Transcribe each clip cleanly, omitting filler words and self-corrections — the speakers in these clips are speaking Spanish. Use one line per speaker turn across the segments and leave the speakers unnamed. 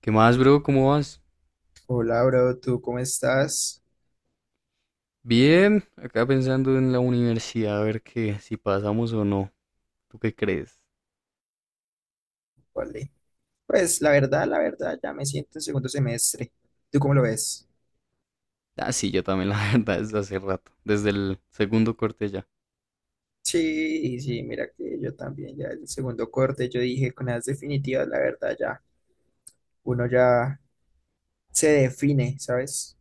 ¿Qué más, bro? ¿Cómo vas?
Hola, bro, ¿tú cómo estás?
Bien, acá pensando en la universidad, a ver qué, si pasamos o no. ¿Tú qué crees?
Vale. Pues la verdad, ya me siento en segundo semestre. ¿Tú cómo lo ves?
Ah, sí, yo también, la verdad, desde hace rato, desde el segundo corte ya.
Sí, sí, mira que yo también, ya el segundo corte, yo dije con las definitivas, la verdad, ya uno ya se define, ¿sabes?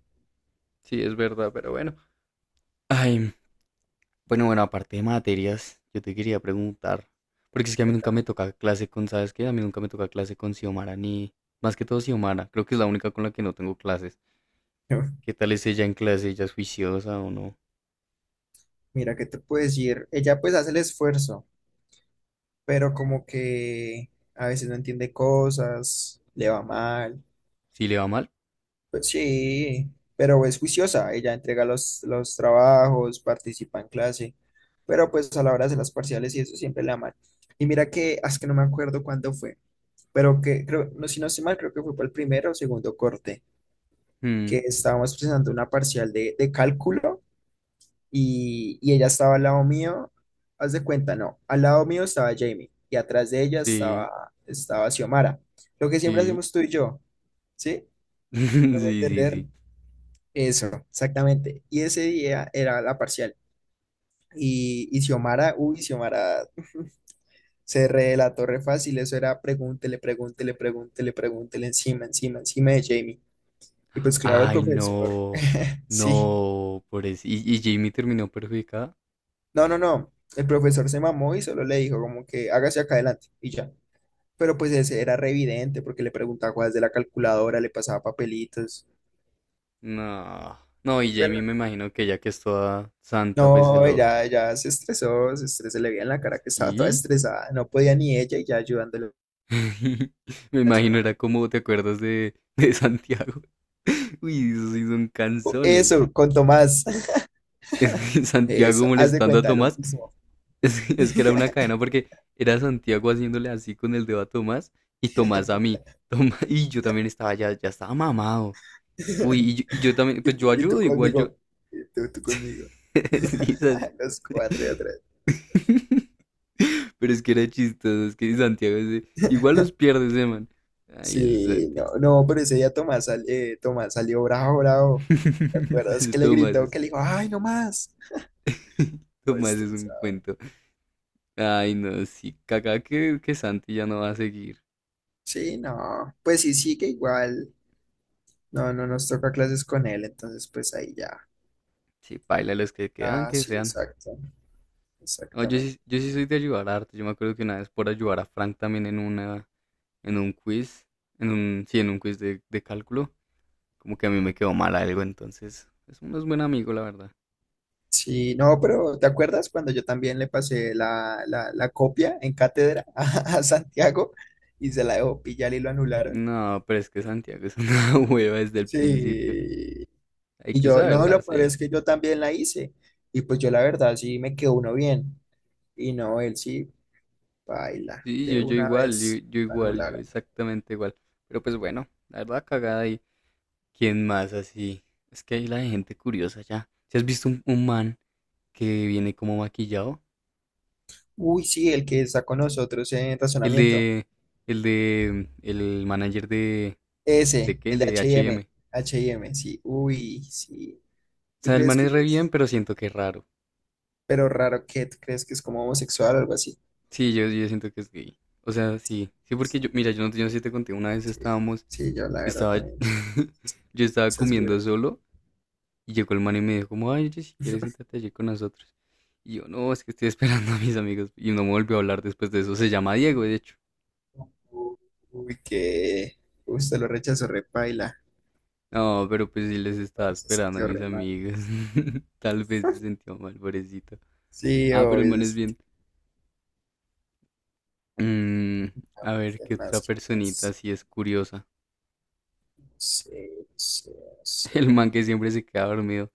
Sí, es verdad, pero bueno. Ay, bueno, bueno, aparte de materias, yo te quería preguntar, porque es que a mí nunca me
Cuéntame.
toca clase con, ¿sabes qué? A mí nunca me toca clase con Xiomara, ni más que todo Xiomara, creo que es la única con la que no tengo clases. ¿Qué tal es ella en clase? ¿Ella es juiciosa o no?
Mira, ¿qué te puedo decir? Ella pues hace el esfuerzo, pero como que a veces no entiende cosas, le va mal.
¿Sí le va mal?
Pues sí, pero es juiciosa, ella entrega los trabajos, participa en clase, pero pues a la hora de las parciales y eso siempre la aman. Y mira que, es que no me acuerdo cuándo fue, pero que creo, no, si no estoy mal, creo que fue para el primero o segundo corte, que
Mm,
estábamos presentando una parcial de cálculo y ella estaba al lado mío, haz de cuenta, no, al lado mío estaba Jamie y atrás de ella
sí,
estaba Xiomara, lo que siempre
sí.
hacemos tú y yo, ¿sí?
Sí,
Me voy a
sí,
entender.
sí.
Eso, exactamente. Y ese día era la parcial. Y Xiomara, uy, Xiomara se relató re fácil. Eso era pregúntele, pregúntele, pregúntele, pregúntele encima, encima, encima de Jamie. Y pues claro, el
Ay,
profesor,
no.
sí.
No, por eso. ¿Y Jamie terminó perjudicada?
No, no, no. El profesor se mamó y solo le dijo como que hágase acá adelante y ya. Pero pues ese era re evidente porque le preguntaba cosas de la calculadora, le pasaba papelitos.
No. No, y Jamie
Pero
me imagino que ya que es toda santa, pues se
no,
lo...
ella se estresó, se estresó, se le veía en la cara que estaba toda
¿Sí?
estresada, no podía ni ella y ya ayudándole
Me
a su...
imagino era como, ¿te acuerdas de Santiago? Uy, esos sí son
Oh,
canzones.
eso, con Tomás,
Es que Santiago
eso, haz de
molestando a
cuenta lo
Tomás.
mismo.
Es que era una cadena porque era Santiago haciéndole así con el dedo a Tomás y Tomás a mí. Y yo también estaba ya, ya estaba mamado. Uy, y yo también,
Y
pues
tú
yo
y tú
ayudo, igual yo,
conmigo, y tú conmigo.
sí,
Los cuatro y atrás.
pero es que era chistoso, es que igual los pierde ese man. Ay, el
Sí, no,
Santi.
no, pero ese día Tomás, Tomás salió bravo, bravo. ¿Te acuerdas
Ese
que le
Tomás
gritó,
es...
que le dijo, ay, no más? Todo
Tomás es un
estresado.
cuento. Ay, no, sí, caca que Santi ya no va a seguir.
Sí, no, pues sí, sigue igual. No, no nos toca clases con él, entonces pues ahí ya.
Sí, paila los que quedan,
Ah,
que
sí,
sean.
exacto,
No, yo
exactamente.
sí, yo sí soy de ayudar harto. Yo me acuerdo que una vez por ayudar a Frank también en una, en un quiz, en un, sí, en un quiz de cálculo, como que a mí me quedó mal algo, entonces es un es buen amigo, la verdad.
Sí, no, pero ¿te acuerdas cuando yo también le pasé la copia en cátedra a Santiago y se la dejó pillar y lo anularon?
No, pero es que Santiago es una hueva desde el principio.
Sí,
Hay
y
que
yo, no,
saberla
lo peor
hacer.
es que yo también la hice y pues yo la verdad sí me quedó uno bien y no, él sí, baila,
Sí, yo,
de
yo
una
igual, yo,
vez
yo
lo
igual, yo
anularon.
exactamente igual. Pero pues bueno, la verdad cagada y quién más así. Es que hay la de gente curiosa ya. ¿Si has visto un man que viene como maquillado?
Uy, sí, el que está con nosotros en
El
razonamiento.
de, el manager
Ese,
¿de qué?
el de
De
H y
H&M.
M,
O
H&M. M sí. Uy, sí. ¿Tú
sea, el
crees
man
que
es re bien,
es?
pero siento que es raro.
Pero raro que tú crees que es como homosexual o algo así.
Sí, yo siento que es gay. O sea, sí. Sí, porque yo, mira, yo no, yo no sé si te conté, una vez
Sí,
estábamos,
sí, yo la verdad
estaba,
también.
yo estaba
Esas
comiendo
vibras.
solo y llegó el man y me dijo como, ay, oye, si quieres, siéntate allí con nosotros. Y yo, no, es que estoy esperando a mis amigos. Y no me volvió a hablar después de eso. Se llama Diego, de hecho.
Uy, uy, que. Uy, se lo rechazó repaila.
No, pero pues sí les
No,
estaba
se
esperando a
sintió
mis
re mal.
amigos. Tal vez se sintió mal, pobrecito.
Sí,
Ah, pero el
obvio,
man
se
es
sintió.
bien. Mm, a ver, qué
¿Quién
otra
más, que
personita
más?
así es curiosa.
No sé, no sé, no
El
sé.
man que siempre se queda dormido.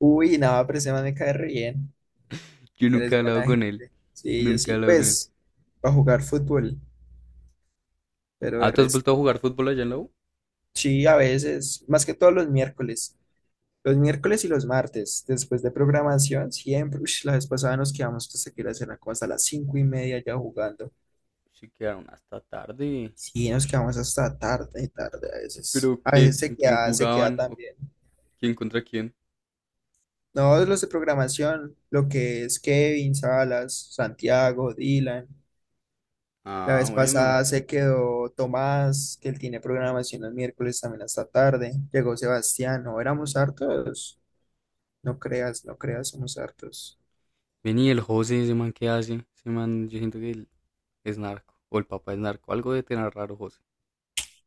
Uy, nada, pero ese man me cae re bien.
Yo nunca
Eres
he hablado
buena
con él.
gente. Sí, yo
Nunca he
sí.
hablado con él.
Pues, para jugar fútbol, pero de
Ah, ¿tú has
resto.
vuelto a jugar fútbol allá en la U?
Sí, a veces, más que todos los miércoles y los martes, después de programación, siempre, ush, la vez pasada nos quedamos hasta que era la cosa, a las 5:30 ya jugando.
Sí, quedaron hasta tarde.
Sí, nos
Ush,
quedamos hasta tarde, tarde a veces.
pero
A
¿qué?
veces
¿Con quién
se queda
jugaban? ¿O
también.
quién contra quién?
No, los de programación, lo que es Kevin, Salas, Santiago, Dylan. La
Ah,
vez
bueno.
pasada se quedó Tomás, que él tiene programación los miércoles también hasta tarde. Llegó Sebastián, no, éramos hartos. No creas, no creas, somos hartos.
Vení, el José, ese man, ¿qué hace? Ese man, yo siento que él es narco. O el papá es narco. Algo de tener raro, José.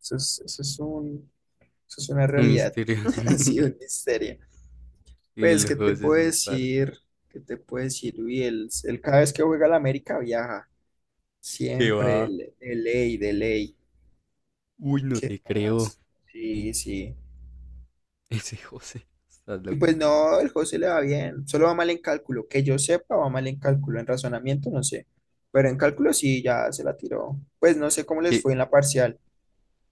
Eso es, eso es un, eso es una
Un
realidad,
misterio.
ha sido un misterio.
Y
Pues,
el
¿qué te
José es
puedo
un parche.
decir? ¿Qué te puedo decir? Uy, él cada vez que juega al América viaja,
¿Qué
siempre,
va?
de ley, de ley.
Uy, no
¿Qué
te creo.
más? Sí, sí.
Ese José. Estás
Y
loco.
pues no, el José le va bien, solo va mal en cálculo, que yo sepa, va mal en cálculo, en razonamiento no sé, pero en cálculo sí, ya se la tiró. Pues no sé
Es
cómo les
que,
fue en la parcial,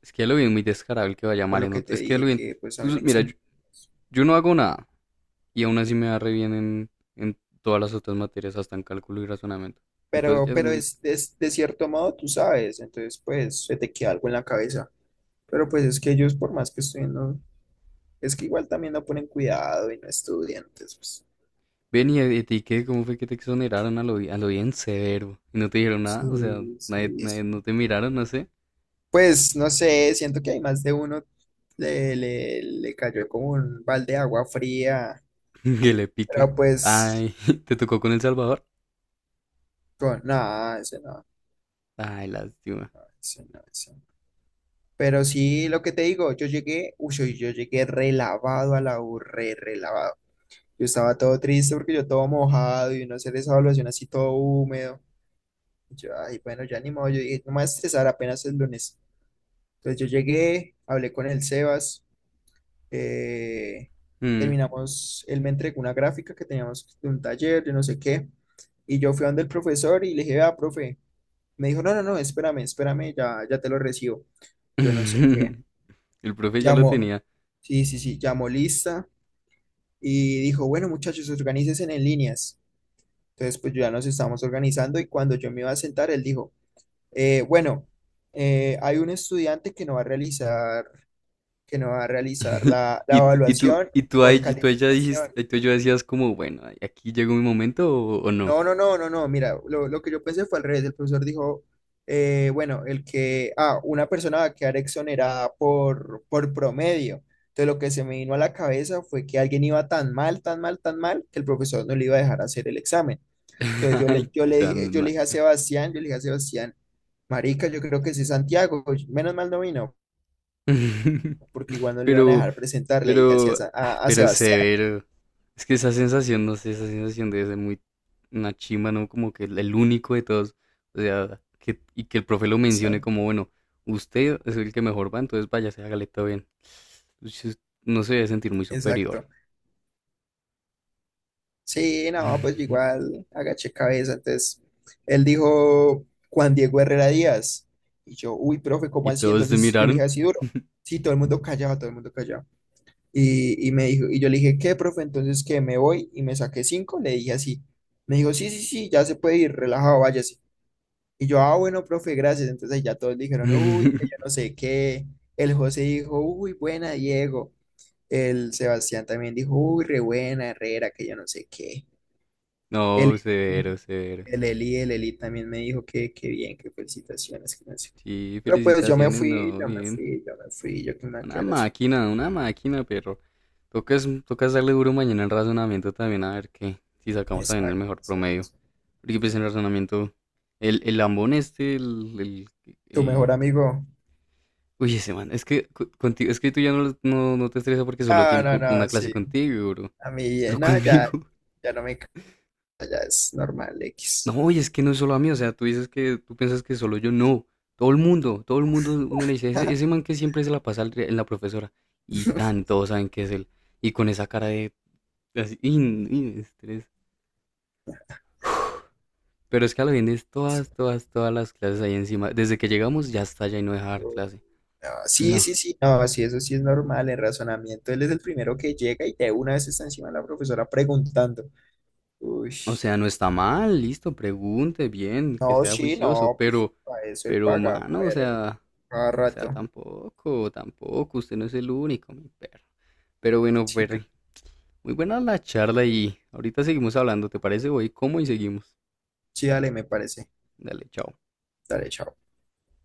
es que ya lo vi muy descarado el que va a
por
llamar
lo
en
que
otro.
te
Es que ya lo
dije
vi.
que pues a
Tú,
mí me
mira,
exime.
yo no hago nada y aún así me va re bien en todas las otras materias, hasta en cálculo y razonamiento. Entonces
Pero,
ya es
pero
muy...
de cierto modo, tú sabes, entonces pues se te queda algo en la cabeza. Pero pues es que ellos, por más que estudien, no, es que igual también no ponen cuidado y no estudian, entonces pues
Ven y a ti qué, ¿cómo fue que te exoneraron a lo, a lo bien severo? Y no te dijeron nada, o sea,
sí, sí,
no
sí.
te miraron, no sé,
Pues no sé, siento que hay más de uno, le cayó como un balde de agua fría,
que le pica.
pero pues
Ay, ¿te tocó con El Salvador?
con nada, ese no,
Ay, lástima.
ese no, ese no. Pero sí, lo que te digo, yo llegué, uy, yo llegué relavado a la U, relavado. Yo estaba todo triste porque yo todo mojado y no hacer esa evaluación así todo húmedo. Y yo, ay, bueno, ya ni modo, yo dije, no me voy a estresar, apenas el lunes. Entonces yo llegué, hablé con el Sebas, eh,
Mm.
terminamos, él me entregó una gráfica que teníamos de un taller, de no sé qué, y yo fui donde el profesor y le dije, ah, profe. Me dijo, no, no, no, espérame, espérame, ya, ya te lo recibo. Yo no sé qué.
El profe ya lo
Llamó,
tenía.
sí, sí, sí, llamó lista y dijo, bueno, muchachos, organícense en líneas. Entonces, pues yo ya nos estábamos organizando y cuando yo me iba a sentar, él dijo, bueno, hay un estudiante que no va a realizar, que no va a realizar la evaluación por
Y tú ahí ya dijiste,
calificación.
y tú ya decías como, bueno, ay, aquí llegó mi momento o no.
No, no, no, no, no, mira, lo que yo pensé fue al revés. El profesor dijo, bueno, el que, una persona va a quedar exonerada por promedio. Entonces, lo que se me vino a la cabeza fue que alguien iba tan mal, tan mal, tan mal, que el profesor no le iba a dejar hacer el examen. Entonces
Ay, tan
yo le
mal.
dije a Sebastián, yo le dije a Sebastián, marica, yo creo que sí es Santiago, menos mal no vino, porque igual no le iban a
Pero,
dejar presentar, le dije así a,
pero,
Sa-
ah,
a- a
pero
Sebastián.
severo. Es que esa sensación, no sé, esa sensación debe ser muy una chimba, ¿no? Como que el único de todos. O sea, que, y que el profe lo mencione
Exacto,
como, bueno, usted es el que mejor va, entonces váyase, hágale todo bien. Uy, se- No se debe sentir muy superior.
exacto. Sí, no, pues yo igual agaché cabeza, entonces él dijo Juan Diego Herrera Díaz, y yo, uy, profe, ¿cómo
Y
así?
todos se
Entonces yo le dije
miraron.
así duro, sí, todo el mundo callado, todo el mundo callado. Y me dijo, y yo le dije, ¿qué, profe? Entonces que me voy y me saqué cinco, le dije así. Me dijo, sí, sí, sí, ya se puede ir, relajado, vaya, sí. Y yo, ah, bueno, profe, gracias. Entonces ya todos dijeron, uy, que yo no sé qué. El José dijo, uy, buena, Diego. El Sebastián también dijo, uy, re buena, Herrera, que yo no sé qué. El,
No,
Eli-
severo, severo.
el Eli también me dijo que, bien, que felicitaciones, que no sé qué.
Sí,
Pero pues yo me
felicitaciones,
fui,
no,
yo me
bien.
fui, yo me fui, yo que me voy a quedar así.
Una máquina, pero toca darle duro mañana en razonamiento también, a ver qué, si sacamos también el
Exacto,
mejor promedio.
exacto.
Porque pues en razonamiento, el lambón este, el,
Tu
el-
mejor amigo.
uy, ese man, es que contigo, es que tú ya no, no, no te estresas porque solo
Ah,
tiene
no,
una
no,
clase
sí.
contigo, bro.
A mí,
Pero
no, ya,
conmigo,
ya no me, ya es normal, X.
no, y es que no es solo a mí, o sea, tú dices que, tú piensas que solo yo, no. Todo el mundo, uno le dice, ese man que siempre se la pasa en la profesora. Y tan, todos saben que es él. Y con esa cara de, así, in, estrés. Pero es que a lo bien es todas las clases ahí encima. Desde que llegamos ya está, ya y no deja dar clase.
No, sí,
No.
sí, sí, no, sí, eso sí es normal, el razonamiento, él es el primero que llega y de una vez está encima de la profesora preguntando. Uy,
O sea, no está mal, listo, pregunte bien, que
no,
sea
sí,
juicioso,
no, pues para eso él
pero,
paga,
mano,
pero cada
o sea,
rato,
tampoco, usted no es el único, mi perro. Pero bueno,
chica,
Perry, muy buena la charla y ahorita seguimos hablando, ¿te parece? Voy, ¿cómo? Y seguimos.
sí, dale, me parece,
Dale, chao.
dale, chao.